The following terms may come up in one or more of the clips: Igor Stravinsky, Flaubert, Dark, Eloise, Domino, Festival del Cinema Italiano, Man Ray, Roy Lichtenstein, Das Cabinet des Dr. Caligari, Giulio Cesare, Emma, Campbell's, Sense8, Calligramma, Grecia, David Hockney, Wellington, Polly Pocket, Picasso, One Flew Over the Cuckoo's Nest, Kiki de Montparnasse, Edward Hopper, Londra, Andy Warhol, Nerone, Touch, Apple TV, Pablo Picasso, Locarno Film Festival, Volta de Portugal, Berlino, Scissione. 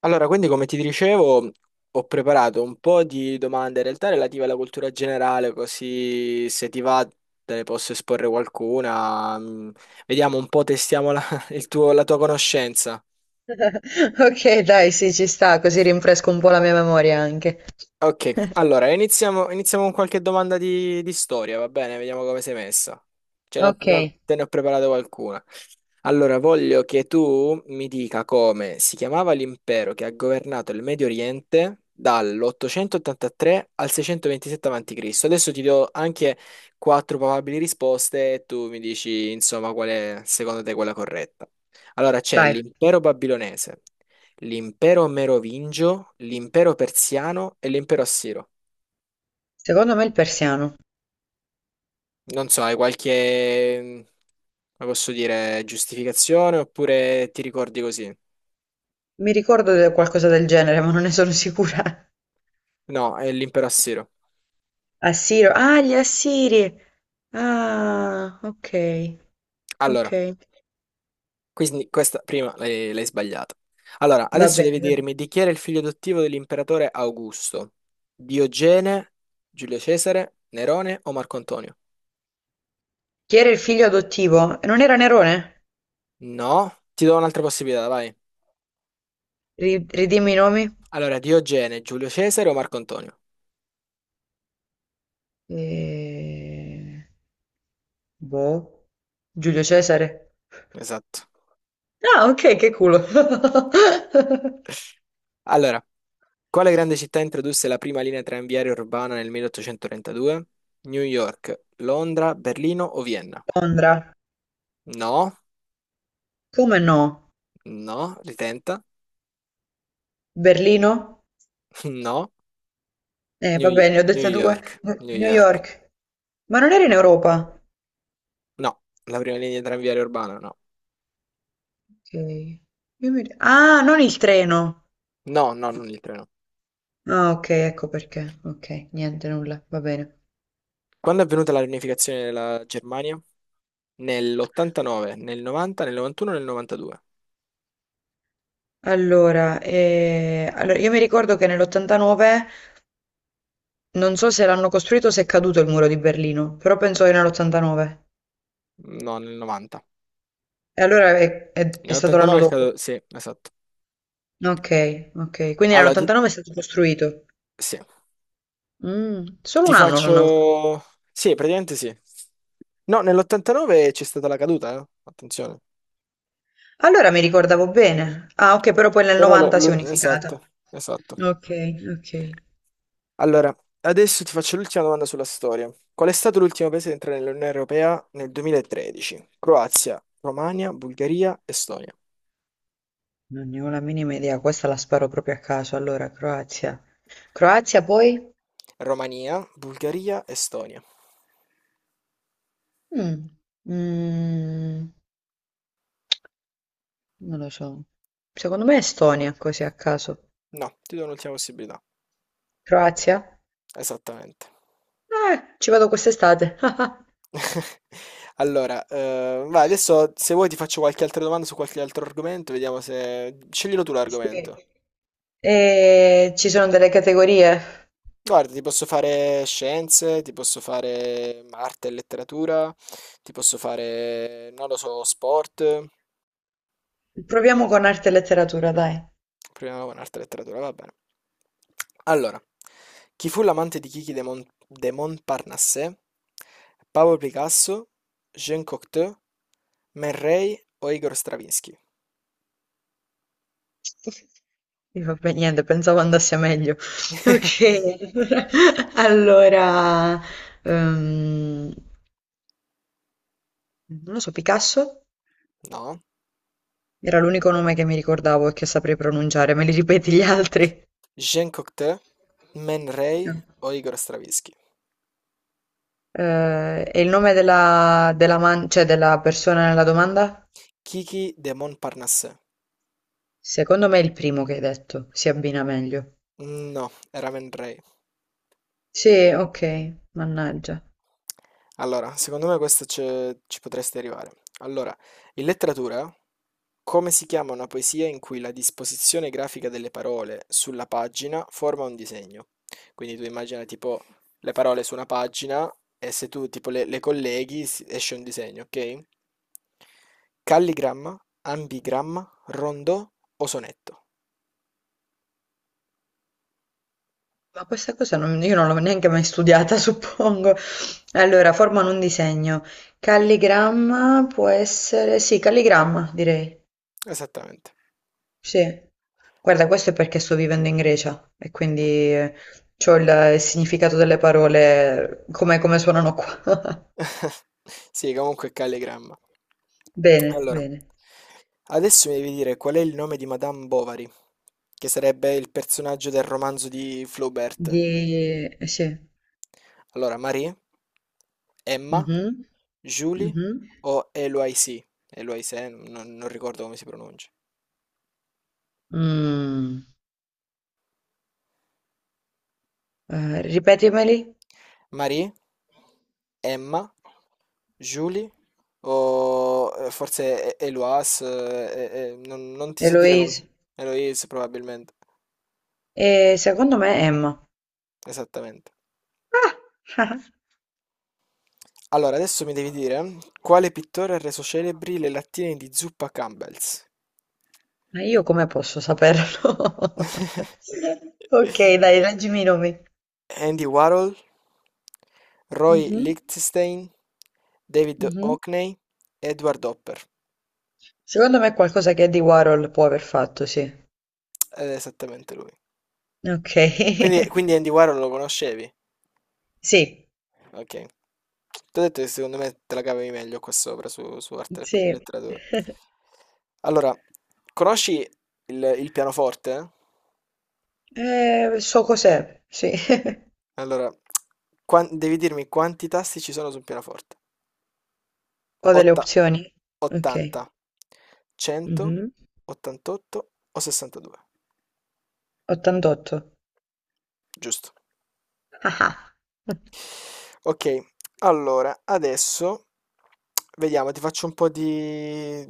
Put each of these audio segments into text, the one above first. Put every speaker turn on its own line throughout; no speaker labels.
Allora, quindi come ti dicevo, ho preparato un po' di domande in realtà relative alla cultura generale, così se ti va te ne posso esporre qualcuna. Vediamo un po', testiamo la tua conoscenza.
Ok, dai, sì, ci sta, così rinfresco un po' la mia memoria anche.
Ok, allora iniziamo con qualche domanda di storia, va bene? Vediamo come sei messa. Ce ne ho-
Ok,
ne ho- te ne ho preparata qualcuna. Allora, voglio che tu mi dica come si chiamava l'impero che ha governato il Medio Oriente dall'883 al 627 a.C. Adesso ti do anche quattro probabili risposte e tu mi dici, insomma, qual è secondo te quella corretta. Allora, c'è
vai.
l'impero babilonese, l'impero merovingio, l'impero persiano e l'impero assiro.
Secondo me il persiano.
Non so, hai qualche, come posso dire, giustificazione oppure ti ricordi così?
Mi ricordo di qualcosa del genere, ma non ne sono sicura.
No, è l'impero assiro.
Assiro. Ah, gli assiri. Ah, ok, ok.
Allora, quindi questa prima l'hai sbagliata. Allora,
Va
adesso devi
bene.
dirmi di chi era il figlio adottivo dell'imperatore Augusto? Diogene, Giulio Cesare, Nerone o Marco Antonio?
Chi era il figlio adottivo? Non era Nerone?
No, ti do un'altra possibilità, vai.
Ridimmi i nomi.
Allora, Diogene, Giulio Cesare o Marco Antonio?
Eh, Boh. Giulio Cesare.
Esatto.
Ah, ok, che culo.
Allora, quale grande città introdusse la prima linea tranviaria urbana nel 1832? New York, Londra, Berlino o Vienna?
Londra.
No,
Come no?
no, ritenta.
Berlino?
No, New,
Vabbè, ne ho
New
dette due.
York,
New
New
New
York.
York. Ma non era in Europa?
No, la prima linea tranviaria urbana, no.
Ok. Ah, non il treno.
No, no, non il treno.
Ah, ok, ecco perché. Ok, niente, nulla, va bene.
Quando è avvenuta la riunificazione della Germania? Nell'89, nel 90, nel 91, nel 92?
Allora, io mi ricordo che nell'89, non so se l'hanno costruito o se è caduto il muro di Berlino, però penso che nell'89.
No, nel 90.
E allora è stato l'anno
Nell'89 è
dopo.
caduto, sì, esatto.
Ok, ok. Quindi
Allora,
nell'89 è stato costruito.
sì.
Mm, solo
Ti
un anno l'hanno avuto.
faccio... Sì, praticamente sì. No, nell'89 c'è stata la caduta, eh? Attenzione.
Allora mi ricordavo bene. Ah, ok, però poi nel
Però
90 si è unificata.
Esatto, esatto.
Ok, ok.
Allora, adesso ti faccio l'ultima domanda sulla storia. Qual è stato l'ultimo paese ad entrare nell'Unione Europea nel 2013? Croazia, Romagna, Bulgaria, Estonia.
Non ne ho la minima idea, questa la sparo proprio a caso. Allora, Croazia. Croazia poi?
Romania, Bulgaria, Estonia.
Mm. Mm, Non lo so. Secondo me Estonia, così a caso.
No, ti do un'ultima possibilità.
Croazia?
Esattamente.
Ci vado quest'estate.
Allora, vai adesso se vuoi ti faccio qualche altra domanda su qualche altro argomento, vediamo se... Sceglilo tu
Sì.
l'argomento.
E ci sono delle categorie.
Guarda, ti posso fare scienze, ti posso fare arte e letteratura, ti posso fare, non lo so, sport.
Proviamo con arte e letteratura, dai.
Proviamo con arte e letteratura, va bene. Allora, chi fu l'amante di Kiki de Montparnasse? Pablo Picasso, Jean Cocteau, Man Ray o Igor Stravinsky?
Sì, vabbè, niente, pensavo andasse meglio. Ok, allora, ehm, non lo so, Picasso
No.
era l'unico nome che mi ricordavo e che saprei pronunciare, me li ripeti gli altri?
Jean Cocteau, Man Ray
No.
o Igor Stravinsky?
E il nome della cioè della persona nella domanda?
Kiki de Montparnasse.
Secondo me è il primo che hai detto, si abbina meglio.
No, era Man Ray.
Sì, ok, mannaggia.
Allora, secondo me questo ci potresti arrivare. Allora, in letteratura, come si chiama una poesia in cui la disposizione grafica delle parole sulla pagina forma un disegno? Quindi tu immagina tipo le parole su una pagina e se tu tipo le colleghi esce un disegno, ok? Calligramma, ambigramma, rondò o sonetto?
Ma questa cosa non- io non l'ho neanche mai studiata, suppongo. Allora, formano un disegno. Calligramma può essere... Sì, calligramma, direi.
Esattamente.
Sì. Guarda, questo è perché sto vivendo in Grecia e quindi ho il significato delle parole come, come suonano qua.
Sì, comunque calligramma.
Bene,
Allora,
bene.
adesso mi devi dire qual è il nome di Madame Bovary, che sarebbe il personaggio del romanzo di Flaubert.
Di... sì.
Allora, Marie, Emma,
Mhm,
Julie
mhm.
o Eloise? Eloise, non ricordo come si pronuncia.
Mm. Ripetimeli.
Marie, Emma, Julie o forse Eloise, non ti so dire come si...
Eloise.
Eloise probabilmente.
E secondo me Emma.
Esattamente.
Ah!
Allora, adesso mi devi dire quale pittore ha reso celebri le lattine di zuppa Campbell's?
Ma io come posso saperlo? Ok, dai, leggimi i nomi.
Andy Warhol, Roy
Mhm,
Lichtenstein, David
mhm.
Hockney, Edward Hopper.
Secondo me è qualcosa che Andy Warhol può aver fatto, sì.
Ed è esattamente lui.
Ok.
Quindi Andy Warhol lo conoscevi?
Sì,
Ok. Ti ho detto che secondo me te la cavi meglio qua sopra su arte e
sì.
letteratura. Allora, conosci il pianoforte?
So cos'è, sì.
Allora, devi dirmi quanti tasti ci sono su un pianoforte.
Ho delle
Otta-
opzioni.
80,
Ok.
100,
Mhm.
88 o 62.
88.
Giusto.
Ah, ah.
Ok, allora, adesso vediamo, ti faccio un po' di,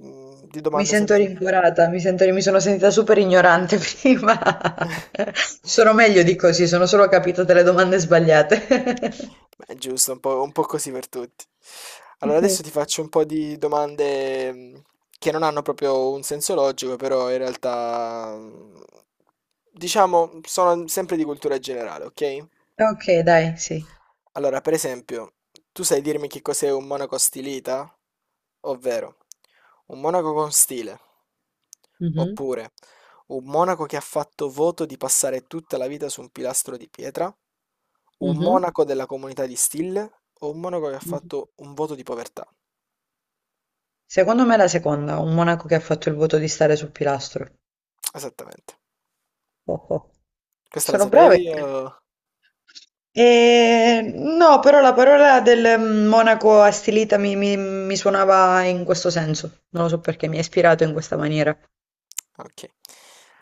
di
Mi
domande
sento
sempre.
rincuorata, mi sono sentita super ignorante prima. Sono meglio di così, sono solo capitate le domande sbagliate.
Beh, giusto, un po' così per tutti. Allora, adesso ti faccio un po' di domande che non hanno proprio un senso logico, però in realtà, diciamo, sono sempre di cultura generale, ok?
Ok, dai, sì.
Allora, per esempio, tu sai dirmi che cos'è un monaco stilita? Ovvero, un monaco con stile,
Mhm,
oppure un monaco che ha fatto voto di passare tutta la vita su un pilastro di pietra, un
mhm,
monaco della comunità di stile o un monaco che ha
mhm.
fatto un voto di povertà.
Secondo me è la seconda, un monaco che ha fatto il voto di stare sul pilastro.
Esattamente.
Oh, oh.
Questa la
Sono brave.
sapevi o...
No, però la parola del monaco a stilita mi suonava in questo senso. Non lo so perché mi ha ispirato in questa maniera.
Ok.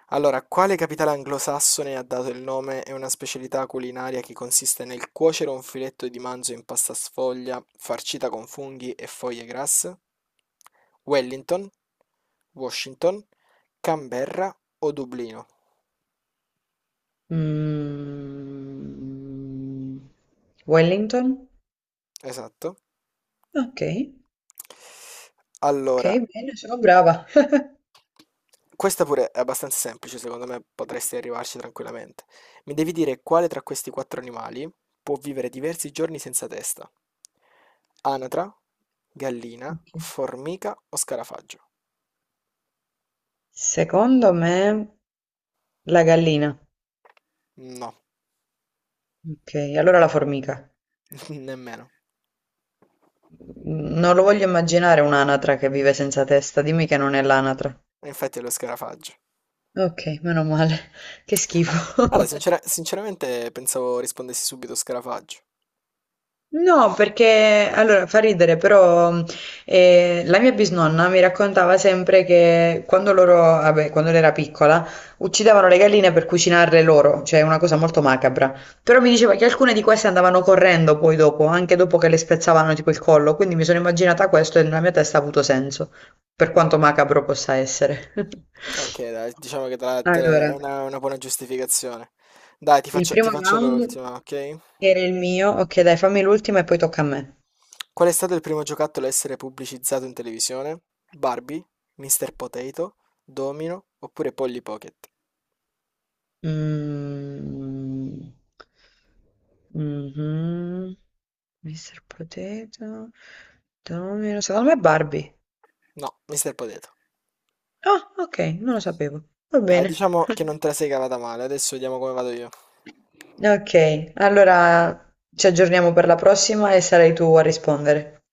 Allora, quale capitale anglosassone ha dato il nome a una specialità culinaria che consiste nel cuocere un filetto di manzo in pasta sfoglia, farcita con funghi e foglie grasse? Wellington, Washington, Canberra o Dublino?
Mm. Wellington?
Esatto.
Ok, ok,
Allora,
bene, sono brava.
questa pure è abbastanza semplice, secondo me potresti arrivarci tranquillamente. Mi devi dire quale tra questi quattro animali può vivere diversi giorni senza testa? Anatra, gallina,
Ok.
formica o scarafaggio?
Secondo me la gallina.
No,
Ok, allora la formica.
nemmeno.
Non lo voglio immaginare un'anatra che vive senza testa, dimmi che non è l'anatra.
E infatti è lo scarafaggio.
Ok, meno male. Che
Ah,
schifo.
guarda, sinceramente pensavo rispondessi subito scarafaggio.
No, perché allora fa ridere, però la mia bisnonna mi raccontava sempre che quando loro, vabbè, quando lei era piccola, uccidevano le galline per cucinarle loro, cioè una cosa molto macabra. Però mi diceva che alcune di queste andavano correndo poi dopo, anche dopo che le spezzavano tipo il collo, quindi mi sono immaginata questo e nella mia testa ha avuto senso, per quanto macabro possa essere.
Ok, dai, diciamo che è
Allora,
una buona giustificazione. Dai,
il
ti
primo
faccio
round
l'ultima, ok?
era il mio, ok, dai, fammi l'ultima e poi tocca a me.
Qual è stato il primo giocattolo a essere pubblicizzato in televisione? Barbie, Mr. Potato, Domino oppure Polly Pocket?
Mm, mhm. Mr. Potato. Domino. Secondo me è Barbie.
No, Mr. Potato.
Ah, ok, non lo sapevo. Va
Dai,
bene.
diciamo che non te la sei cavata male, adesso vediamo come vado io.
Ok, allora ci aggiorniamo per la prossima e sarai tu a rispondere.